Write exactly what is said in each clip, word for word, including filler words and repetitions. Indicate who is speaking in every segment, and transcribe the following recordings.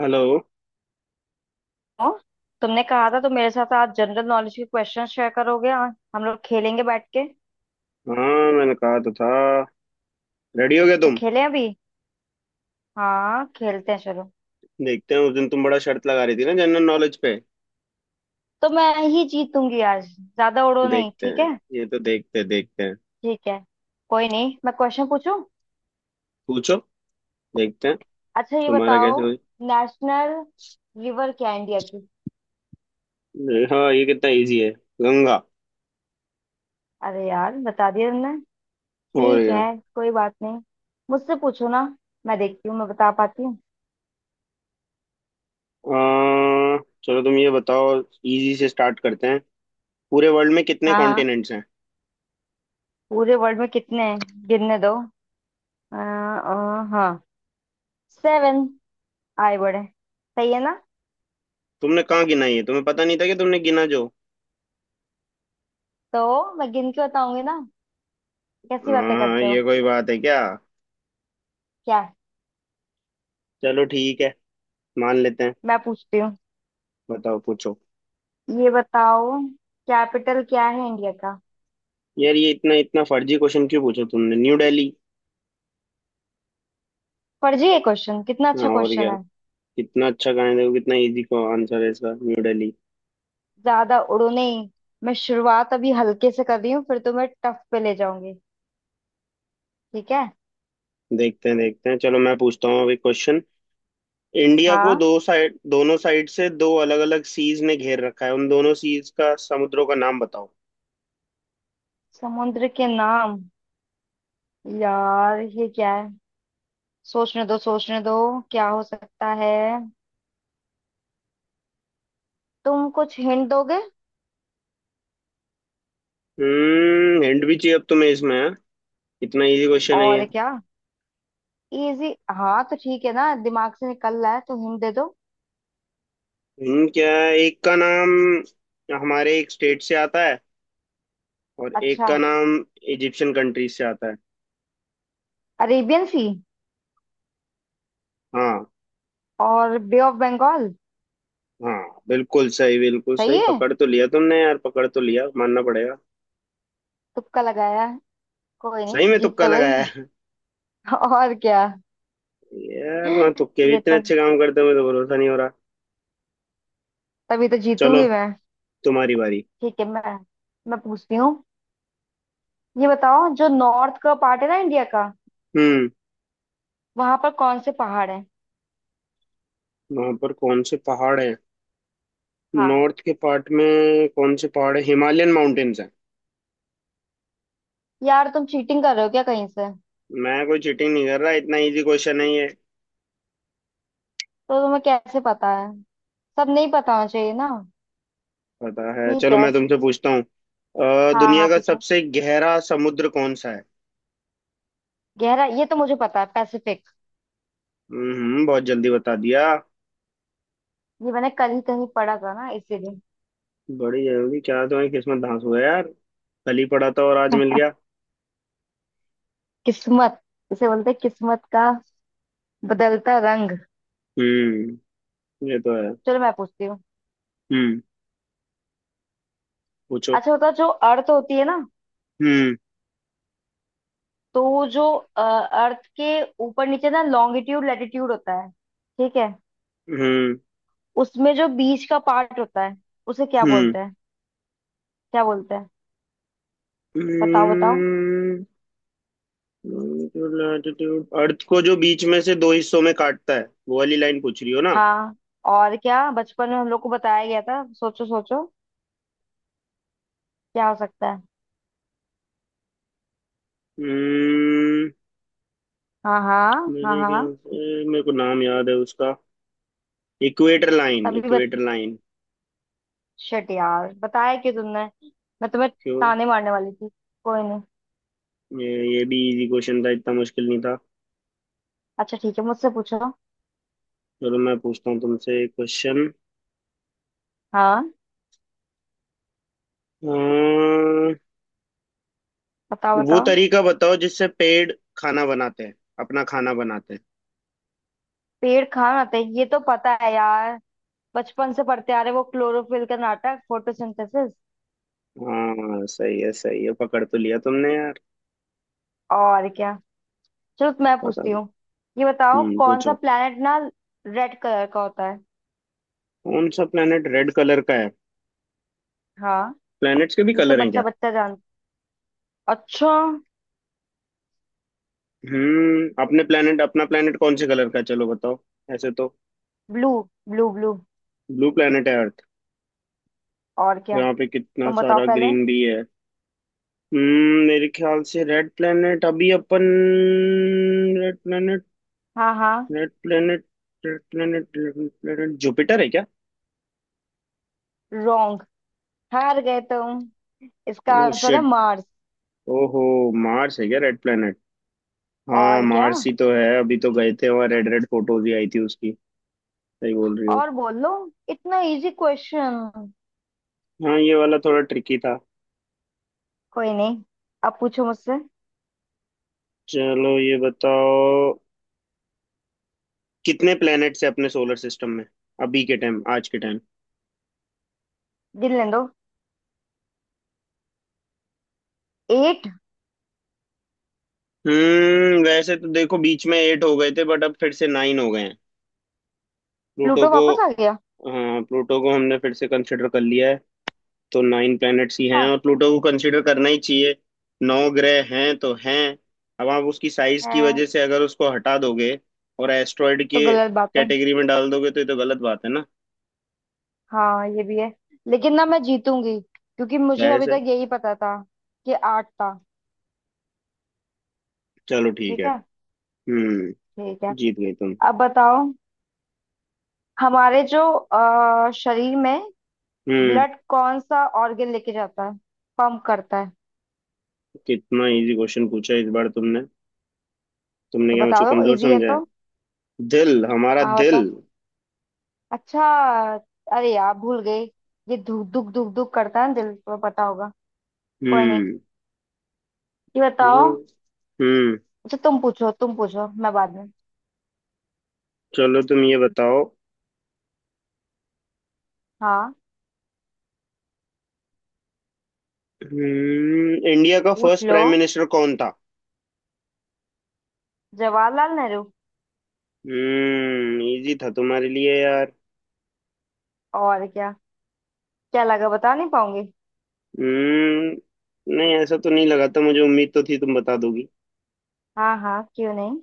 Speaker 1: Hello.
Speaker 2: हाँ, तुमने कहा था तो मेरे साथ आज जनरल नॉलेज के क्वेश्चन शेयर करोगे। हाँ, हम लोग खेलेंगे बैठ के।
Speaker 1: हाँ, मैंने कहा तो था। रेडी हो गया
Speaker 2: तो
Speaker 1: तुम?
Speaker 2: खेलें अभी? हाँ, खेलते हैं चलो।
Speaker 1: देखते हैं। उस दिन तुम बड़ा शर्त लगा रही थी ना जनरल नॉलेज पे।
Speaker 2: तो मैं ही जीतूंगी आज, ज्यादा उड़ो नहीं
Speaker 1: देखते
Speaker 2: ठीक
Speaker 1: हैं।
Speaker 2: है।
Speaker 1: ये तो देखते देखते हैं।
Speaker 2: ठीक है, कोई नहीं, मैं क्वेश्चन पूछूं।
Speaker 1: पूछो। देखते हैं।
Speaker 2: अच्छा ये
Speaker 1: तुम्हारा
Speaker 2: बताओ,
Speaker 1: कैसे हुई?
Speaker 2: नेशनल रिवर क्या है इंडिया की?
Speaker 1: हाँ, ये कितना इजी है। गंगा।
Speaker 2: अरे यार, बता दिया तुमने।
Speaker 1: और
Speaker 2: ठीक
Speaker 1: क्या।
Speaker 2: है, कोई बात नहीं, मुझसे पूछो ना, मैं देखती हूँ मैं बता पाती हूँ।
Speaker 1: अह, चलो तुम ये बताओ, इजी से स्टार्ट करते हैं। पूरे वर्ल्ड में कितने
Speaker 2: हाँ हाँ,
Speaker 1: कॉन्टिनेंट्स हैं?
Speaker 2: पूरे वर्ल्ड में कितने हैं, गिनने दो। आ, आ, हाँ, सेवन। आए बड़े, सही है ना?
Speaker 1: तुमने कहाँ गिना, ये तुम्हें पता नहीं था कि तुमने गिना जो।
Speaker 2: तो मैं गिन के बताऊंगी ना, कैसी बातें
Speaker 1: हाँ
Speaker 2: करते हो।
Speaker 1: ये कोई बात है क्या।
Speaker 2: क्या?
Speaker 1: चलो ठीक है, मान लेते हैं।
Speaker 2: मैं पूछती हूँ,
Speaker 1: बताओ पूछो।
Speaker 2: ये बताओ, कैपिटल क्या है इंडिया का?
Speaker 1: यार ये इतना इतना फर्जी क्वेश्चन क्यों पूछा तुमने, न्यू दिल्ली।
Speaker 2: फर्जी है क्वेश्चन? कितना
Speaker 1: हाँ,
Speaker 2: अच्छा
Speaker 1: और
Speaker 2: क्वेश्चन
Speaker 1: क्या।
Speaker 2: है।
Speaker 1: कितना अच्छा कहा है, देखो कितना इजी का आंसर है इसका, न्यू दिल्ली।
Speaker 2: ज्यादा उड़ो नहीं, मैं शुरुआत अभी हल्के से कर रही हूँ, फिर तुम्हें टफ पे ले जाऊंगी। ठीक है।
Speaker 1: देखते हैं देखते हैं, चलो मैं पूछता हूँ अभी क्वेश्चन। इंडिया को
Speaker 2: हाँ,
Speaker 1: दो साइड, दोनों साइड से दो अलग अलग सीज ने घेर रखा है, उन दोनों सीज का, समुद्रों का नाम बताओ।
Speaker 2: समुद्र के नाम, यार ये क्या है, सोचने दो सोचने दो क्या हो सकता है? तुम कुछ हिंट दोगे?
Speaker 1: हम्म, हिंट भी चाहिए अब तुम्हें इसमें, हाँ? इतना इजी क्वेश्चन है ये।
Speaker 2: और क्या, इजी हाँ तो ठीक है ना, दिमाग से निकल रहा है तो हिंट दे दो।
Speaker 1: हिंट क्या है, एक का नाम हमारे एक स्टेट से आता है, और एक
Speaker 2: अच्छा,
Speaker 1: का नाम इजिप्शियन कंट्री से आता है।
Speaker 2: अरेबियन सी।
Speaker 1: हाँ।
Speaker 2: और बे ऑफ बंगाल।
Speaker 1: हाँ बिल्कुल सही बिल्कुल
Speaker 2: सही
Speaker 1: सही,
Speaker 2: है,
Speaker 1: पकड़ तो लिया तुमने यार, पकड़ तो लिया, मानना पड़ेगा।
Speaker 2: तुक्का लगाया, कोई नहीं
Speaker 1: सही में
Speaker 2: जीत
Speaker 1: तुक्का
Speaker 2: तो
Speaker 1: लगाया
Speaker 2: गई।
Speaker 1: है।
Speaker 2: और क्या,
Speaker 1: यार, तुम्हारे तुक्के भी
Speaker 2: ये
Speaker 1: इतने
Speaker 2: तो,
Speaker 1: अच्छे काम करते हो, मुझे तो भरोसा नहीं हो रहा।
Speaker 2: तभी तो
Speaker 1: चलो,
Speaker 2: जीतूंगी मैं।
Speaker 1: तुम्हारी बारी।
Speaker 2: ठीक है, मैं मैं पूछती हूँ। ये बताओ, जो नॉर्थ का पार्ट है ना इंडिया का,
Speaker 1: हम्म।
Speaker 2: वहां पर कौन से पहाड़ है?
Speaker 1: वहां पर कौन से पहाड़ हैं,
Speaker 2: हाँ।
Speaker 1: नॉर्थ के पार्ट में, कौन से पहाड़ है, हिमालयन माउंटेन्स हैं।
Speaker 2: यार तुम चीटिंग कर रहे हो क्या कहीं से?
Speaker 1: मैं कोई चीटिंग नहीं कर रहा, इतना इजी क्वेश्चन है ये।
Speaker 2: तो तुम्हें कैसे पता है, सब नहीं पता होना चाहिए ना।
Speaker 1: पता है।
Speaker 2: ठीक
Speaker 1: चलो
Speaker 2: है,
Speaker 1: मैं तुमसे पूछता हूँ, अ,
Speaker 2: हाँ हाँ
Speaker 1: दुनिया का
Speaker 2: पूछो।
Speaker 1: सबसे गहरा समुद्र कौन सा है?
Speaker 2: गहरा, ये तो मुझे पता है, पैसिफिक।
Speaker 1: हम्म बहुत जल्दी बता दिया।
Speaker 2: ये मैंने कल ही कहीं पढ़ा था ना, इसीलिए।
Speaker 1: बड़ी जल्दी क्या, तुम्हारी किस्मत धांस हुआ यार, कल ही पड़ा था और आज मिल गया।
Speaker 2: किस्मत, इसे बोलते हैं किस्मत का बदलता रंग।
Speaker 1: हम्म। ये तो है।
Speaker 2: चलो मैं पूछती हूँ।
Speaker 1: हम्म पूछो।
Speaker 2: अच्छा, होता जो अर्थ होती है ना,
Speaker 1: हम्म।
Speaker 2: तो वो जो अ, अर्थ के ऊपर नीचे ना, लॉन्गिट्यूड लैटिट्यूड होता है ठीक है।
Speaker 1: हम्म।
Speaker 2: उसमें जो बीच का पार्ट होता है, उसे क्या
Speaker 1: हम्म
Speaker 2: बोलते हैं? क्या बोलते हैं, बताओ बताओ।
Speaker 1: लैटिट्यूड, अर्थ को जो बीच में से दो हिस्सों में काटता है वो वाली लाइन पूछ रही हो ना?
Speaker 2: हाँ, और क्या, बचपन में हम लोग को बताया गया था। सोचो सोचो क्या हो सकता है।
Speaker 1: हम्म।
Speaker 2: हाँ हाँ हाँ
Speaker 1: मेरे
Speaker 2: हाँ।
Speaker 1: ख्याल से मेरे को नाम याद है उसका, इक्वेटर लाइन,
Speaker 2: तभी,
Speaker 1: इक्वेटर लाइन।
Speaker 2: शिट यार, बताया क्यों तुमने, मैं तुम्हें
Speaker 1: क्यों?
Speaker 2: ताने मारने वाली थी। कोई नहीं।
Speaker 1: ये ये भी इजी क्वेश्चन था, इतना मुश्किल नहीं था।
Speaker 2: अच्छा ठीक है, मुझसे पूछो।
Speaker 1: चलो मैं पूछता हूँ तुमसे एक क्वेश्चन।
Speaker 2: हाँ, बताओ
Speaker 1: वो
Speaker 2: बताओ।
Speaker 1: तरीका बताओ जिससे पेड़ खाना बनाते हैं, अपना खाना बनाते हैं।
Speaker 2: पेड़ कहाँ आते हैं, ये तो पता है यार, बचपन से पढ़ते आ रहे वो क्लोरोफिल का नाटक, फोटोसिंथेसिस।
Speaker 1: हाँ सही है सही है, पकड़ तो लिया तुमने यार।
Speaker 2: और क्या। चलो तो मैं
Speaker 1: पता
Speaker 2: पूछती
Speaker 1: नहीं।
Speaker 2: हूँ, ये बताओ,
Speaker 1: हम्म
Speaker 2: कौन सा
Speaker 1: पूछो।
Speaker 2: प्लेनेट ना रेड कलर का होता है?
Speaker 1: कौन सा प्लेनेट रेड कलर का है?
Speaker 2: हाँ,
Speaker 1: प्लैनेट्स के भी
Speaker 2: ये तो
Speaker 1: कलर हैं
Speaker 2: बच्चा
Speaker 1: क्या?
Speaker 2: बच्चा जान। अच्छा,
Speaker 1: हम्म अपने प्लेनेट, अपना प्लेनेट कौन से कलर का है, चलो बताओ। ऐसे तो।
Speaker 2: Blue. Blue blue
Speaker 1: blue planet है अर्थ,
Speaker 2: और क्या।
Speaker 1: यहाँ पे कितना
Speaker 2: तुम बताओ
Speaker 1: सारा
Speaker 2: पहले।
Speaker 1: ग्रीन भी है। हम्म मेरे ख्याल से रेड प्लेनेट अभी अपन, रेड प्लेनेट,
Speaker 2: हाँ हाँ।
Speaker 1: Red planet, red planet, red planet Jupiter है।
Speaker 2: रॉन्ग, हार गए तुम, इसका आंसर
Speaker 1: क्या?
Speaker 2: है मार्स।
Speaker 1: ओहो। मार्स है क्या रेड प्लेनेट? हाँ
Speaker 2: और क्या,
Speaker 1: मार्स ही तो है, अभी तो गए थे वहाँ, रेड रेड फोटोज ही आई थी उसकी। सही बोल रही हो।
Speaker 2: और बोल लो, इतना इजी क्वेश्चन।
Speaker 1: हाँ ये वाला थोड़ा ट्रिकी था।
Speaker 2: कोई नहीं, अब पूछो मुझसे।
Speaker 1: चलो ये बताओ, कितने प्लैनेट्स है अपने सोलर सिस्टम में, अभी के टाइम, आज के टाइम।
Speaker 2: गिनने दो, एट।
Speaker 1: हम्म वैसे तो देखो बीच में एट हो गए थे, बट अब फिर से नाइन हो गए हैं। प्लूटो
Speaker 2: प्लूटो
Speaker 1: को।
Speaker 2: वापस आ गया?
Speaker 1: हाँ प्लूटो को हमने फिर से कंसिडर कर लिया है, तो नाइन प्लैनेट्स ही हैं,
Speaker 2: अच्छा।
Speaker 1: और प्लूटो को कंसीडर करना ही चाहिए। नौ ग्रह हैं तो हैं। अब आप उसकी साइज की
Speaker 2: है
Speaker 1: वजह से अगर उसको हटा दोगे, और एस्ट्रॉयड
Speaker 2: तो
Speaker 1: के
Speaker 2: गलत बात है।
Speaker 1: कैटेगरी में डाल दोगे तो ये तो गलत बात है ना।
Speaker 2: हाँ ये भी है, लेकिन ना मैं जीतूंगी, क्योंकि मुझे
Speaker 1: जाहिर
Speaker 2: अभी
Speaker 1: से।
Speaker 2: तक यही पता था कि आठ था।
Speaker 1: चलो ठीक
Speaker 2: ठीक
Speaker 1: है।
Speaker 2: है।
Speaker 1: हम्म।
Speaker 2: ठीक है।
Speaker 1: जीत गई तुम।
Speaker 2: अब बताओ, हमारे जो अ, शरीर में
Speaker 1: हम्म
Speaker 2: ब्लड कौन सा ऑर्गन लेके जाता है, पंप करता है?
Speaker 1: कितना इजी क्वेश्चन पूछा इस बार तुमने, तुमने
Speaker 2: तो
Speaker 1: क्या
Speaker 2: बता
Speaker 1: मुझको
Speaker 2: दो
Speaker 1: कमजोर
Speaker 2: इजी है
Speaker 1: समझा
Speaker 2: तो।
Speaker 1: है? दिल, हमारा
Speaker 2: हाँ
Speaker 1: दिल।
Speaker 2: बता। अच्छा, अरे यार भूल गए, ये धुक धुक धुक धुक करता है ना, दिल को पता होगा। कोई नहीं,
Speaker 1: हम्म
Speaker 2: ये बताओ।
Speaker 1: यार, हम्म
Speaker 2: अच्छा तुम पूछो, तुम पूछो, मैं बाद में।
Speaker 1: चलो तुम ये बताओ।
Speaker 2: हाँ,
Speaker 1: हम्म इंडिया का
Speaker 2: पूछ
Speaker 1: फर्स्ट
Speaker 2: लो।
Speaker 1: प्राइम मिनिस्टर कौन था?
Speaker 2: जवाहरलाल नेहरू।
Speaker 1: हम्म इजी था तुम्हारे लिए यार।
Speaker 2: और क्या, क्या लगा बता नहीं पाऊंगी।
Speaker 1: हम्म नहीं ऐसा तो नहीं लगा था, मुझे उम्मीद तो थी तुम बता दोगी।
Speaker 2: हाँ हाँ, क्यों नहीं।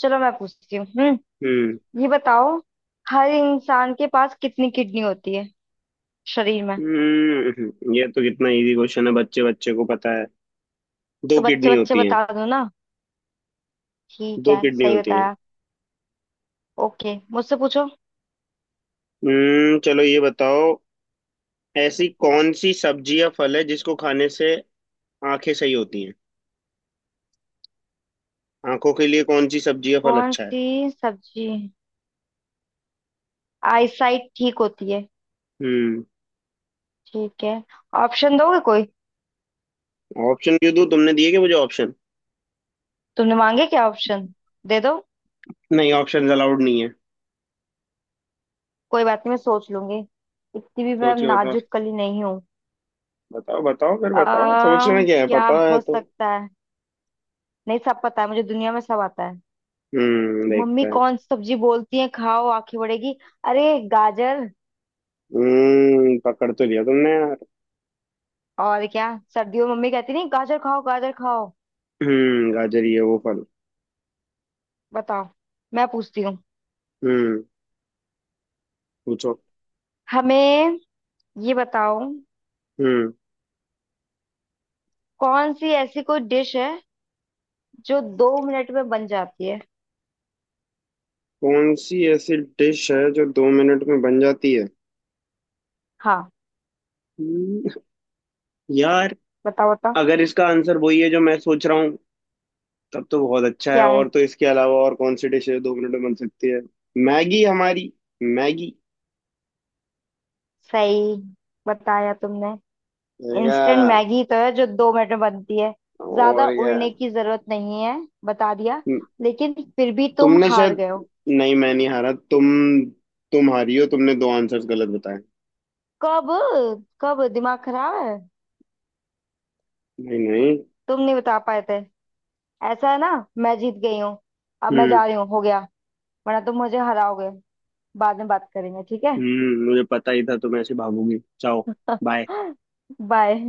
Speaker 2: चलो मैं पूछती हूँ। हम्म।
Speaker 1: हम्म।
Speaker 2: ये बताओ, हर इंसान के पास कितनी किडनी होती है शरीर में?
Speaker 1: हम्म ये तो कितना इजी क्वेश्चन है, बच्चे बच्चे को पता है, दो
Speaker 2: तो बच्चे
Speaker 1: किडनी
Speaker 2: बच्चे
Speaker 1: होती हैं।
Speaker 2: बता दो ना। ठीक
Speaker 1: दो
Speaker 2: है,
Speaker 1: किडनी
Speaker 2: सही
Speaker 1: होती हैं।
Speaker 2: बताया। ओके, मुझसे पूछो।
Speaker 1: हम्म चलो ये बताओ, ऐसी कौन सी सब्जी या फल है जिसको खाने से आंखें सही होती हैं, आंखों के लिए कौन सी सब्जी या फल
Speaker 2: कौन
Speaker 1: अच्छा है?
Speaker 2: सी सब्जी आईसाइट ठीक होती है?
Speaker 1: हम्म
Speaker 2: ठीक है, ऑप्शन दोगे कोई?
Speaker 1: ऑप्शन क्यों दूं, तुमने दिए क्या मुझे ऑप्शन?
Speaker 2: तुमने मांगे क्या ऑप्शन, दे दो।
Speaker 1: नहीं, ऑप्शन अलाउड नहीं है।
Speaker 2: कोई बात नहीं मैं सोच लूंगी, इतनी भी मैं
Speaker 1: सोच के बताओ।
Speaker 2: नाजुक कली नहीं हूँ।
Speaker 1: बताओ बताओ फिर
Speaker 2: आ,
Speaker 1: बताओ, सोचना क्या है,
Speaker 2: क्या
Speaker 1: पता है
Speaker 2: हो
Speaker 1: तो।
Speaker 2: सकता है? नहीं सब पता है मुझे, दुनिया में सब आता है।
Speaker 1: हम्म
Speaker 2: मम्मी
Speaker 1: देखते हैं।
Speaker 2: कौन सी सब्जी बोलती है खाओ आंखें बढ़ेगी। अरे, गाजर।
Speaker 1: हम्म पकड़ तो लिया तुमने यार।
Speaker 2: और क्या, सर्दियों में मम्मी कहती नहीं गाजर खाओ गाजर खाओ।
Speaker 1: हम्म गाजर, ये वो फल।
Speaker 2: बताओ, मैं पूछती हूँ
Speaker 1: हम्म पूछो।
Speaker 2: हमें, ये बताओ,
Speaker 1: हम्म
Speaker 2: कौन सी ऐसी कोई डिश है जो दो मिनट में बन जाती है?
Speaker 1: कौन सी ऐसी डिश है जो दो मिनट में बन जाती है?
Speaker 2: हाँ,
Speaker 1: हम्म, यार,
Speaker 2: बताओ बताओ।
Speaker 1: अगर इसका आंसर वही है जो मैं सोच रहा हूँ, तब तो बहुत अच्छा है,
Speaker 2: क्या है?
Speaker 1: और तो इसके अलावा और कौन सी डिश है जो दो मिनट में बन सकती है? मैगी, हमारी मैगी।
Speaker 2: सही, बताया तुमने।
Speaker 1: मैगा।
Speaker 2: इंस्टेंट मैगी तो है जो दो मिनट में बनती है। ज्यादा
Speaker 1: और क्या।
Speaker 2: उड़ने की जरूरत नहीं है, बता दिया, लेकिन फिर भी तुम
Speaker 1: तुमने
Speaker 2: हार
Speaker 1: शायद,
Speaker 2: गए हो।
Speaker 1: नहीं, मैं नहीं हारा, तुम तुम हारी हो, तुमने दो आंसर्स गलत बताए।
Speaker 2: कब, कब? दिमाग खराब है।
Speaker 1: नहीं नहीं।
Speaker 2: तुम नहीं बता पाए थे, ऐसा है ना। मैं जीत गई हूँ, अब मैं
Speaker 1: हम्म।
Speaker 2: जा रही हूँ, हो गया, वरना तुम मुझे हराओगे। बाद में बात करेंगे ठीक है।
Speaker 1: हम्म मुझे पता ही था तुम ऐसे भागोगी, जाओ। बाय।
Speaker 2: बाय।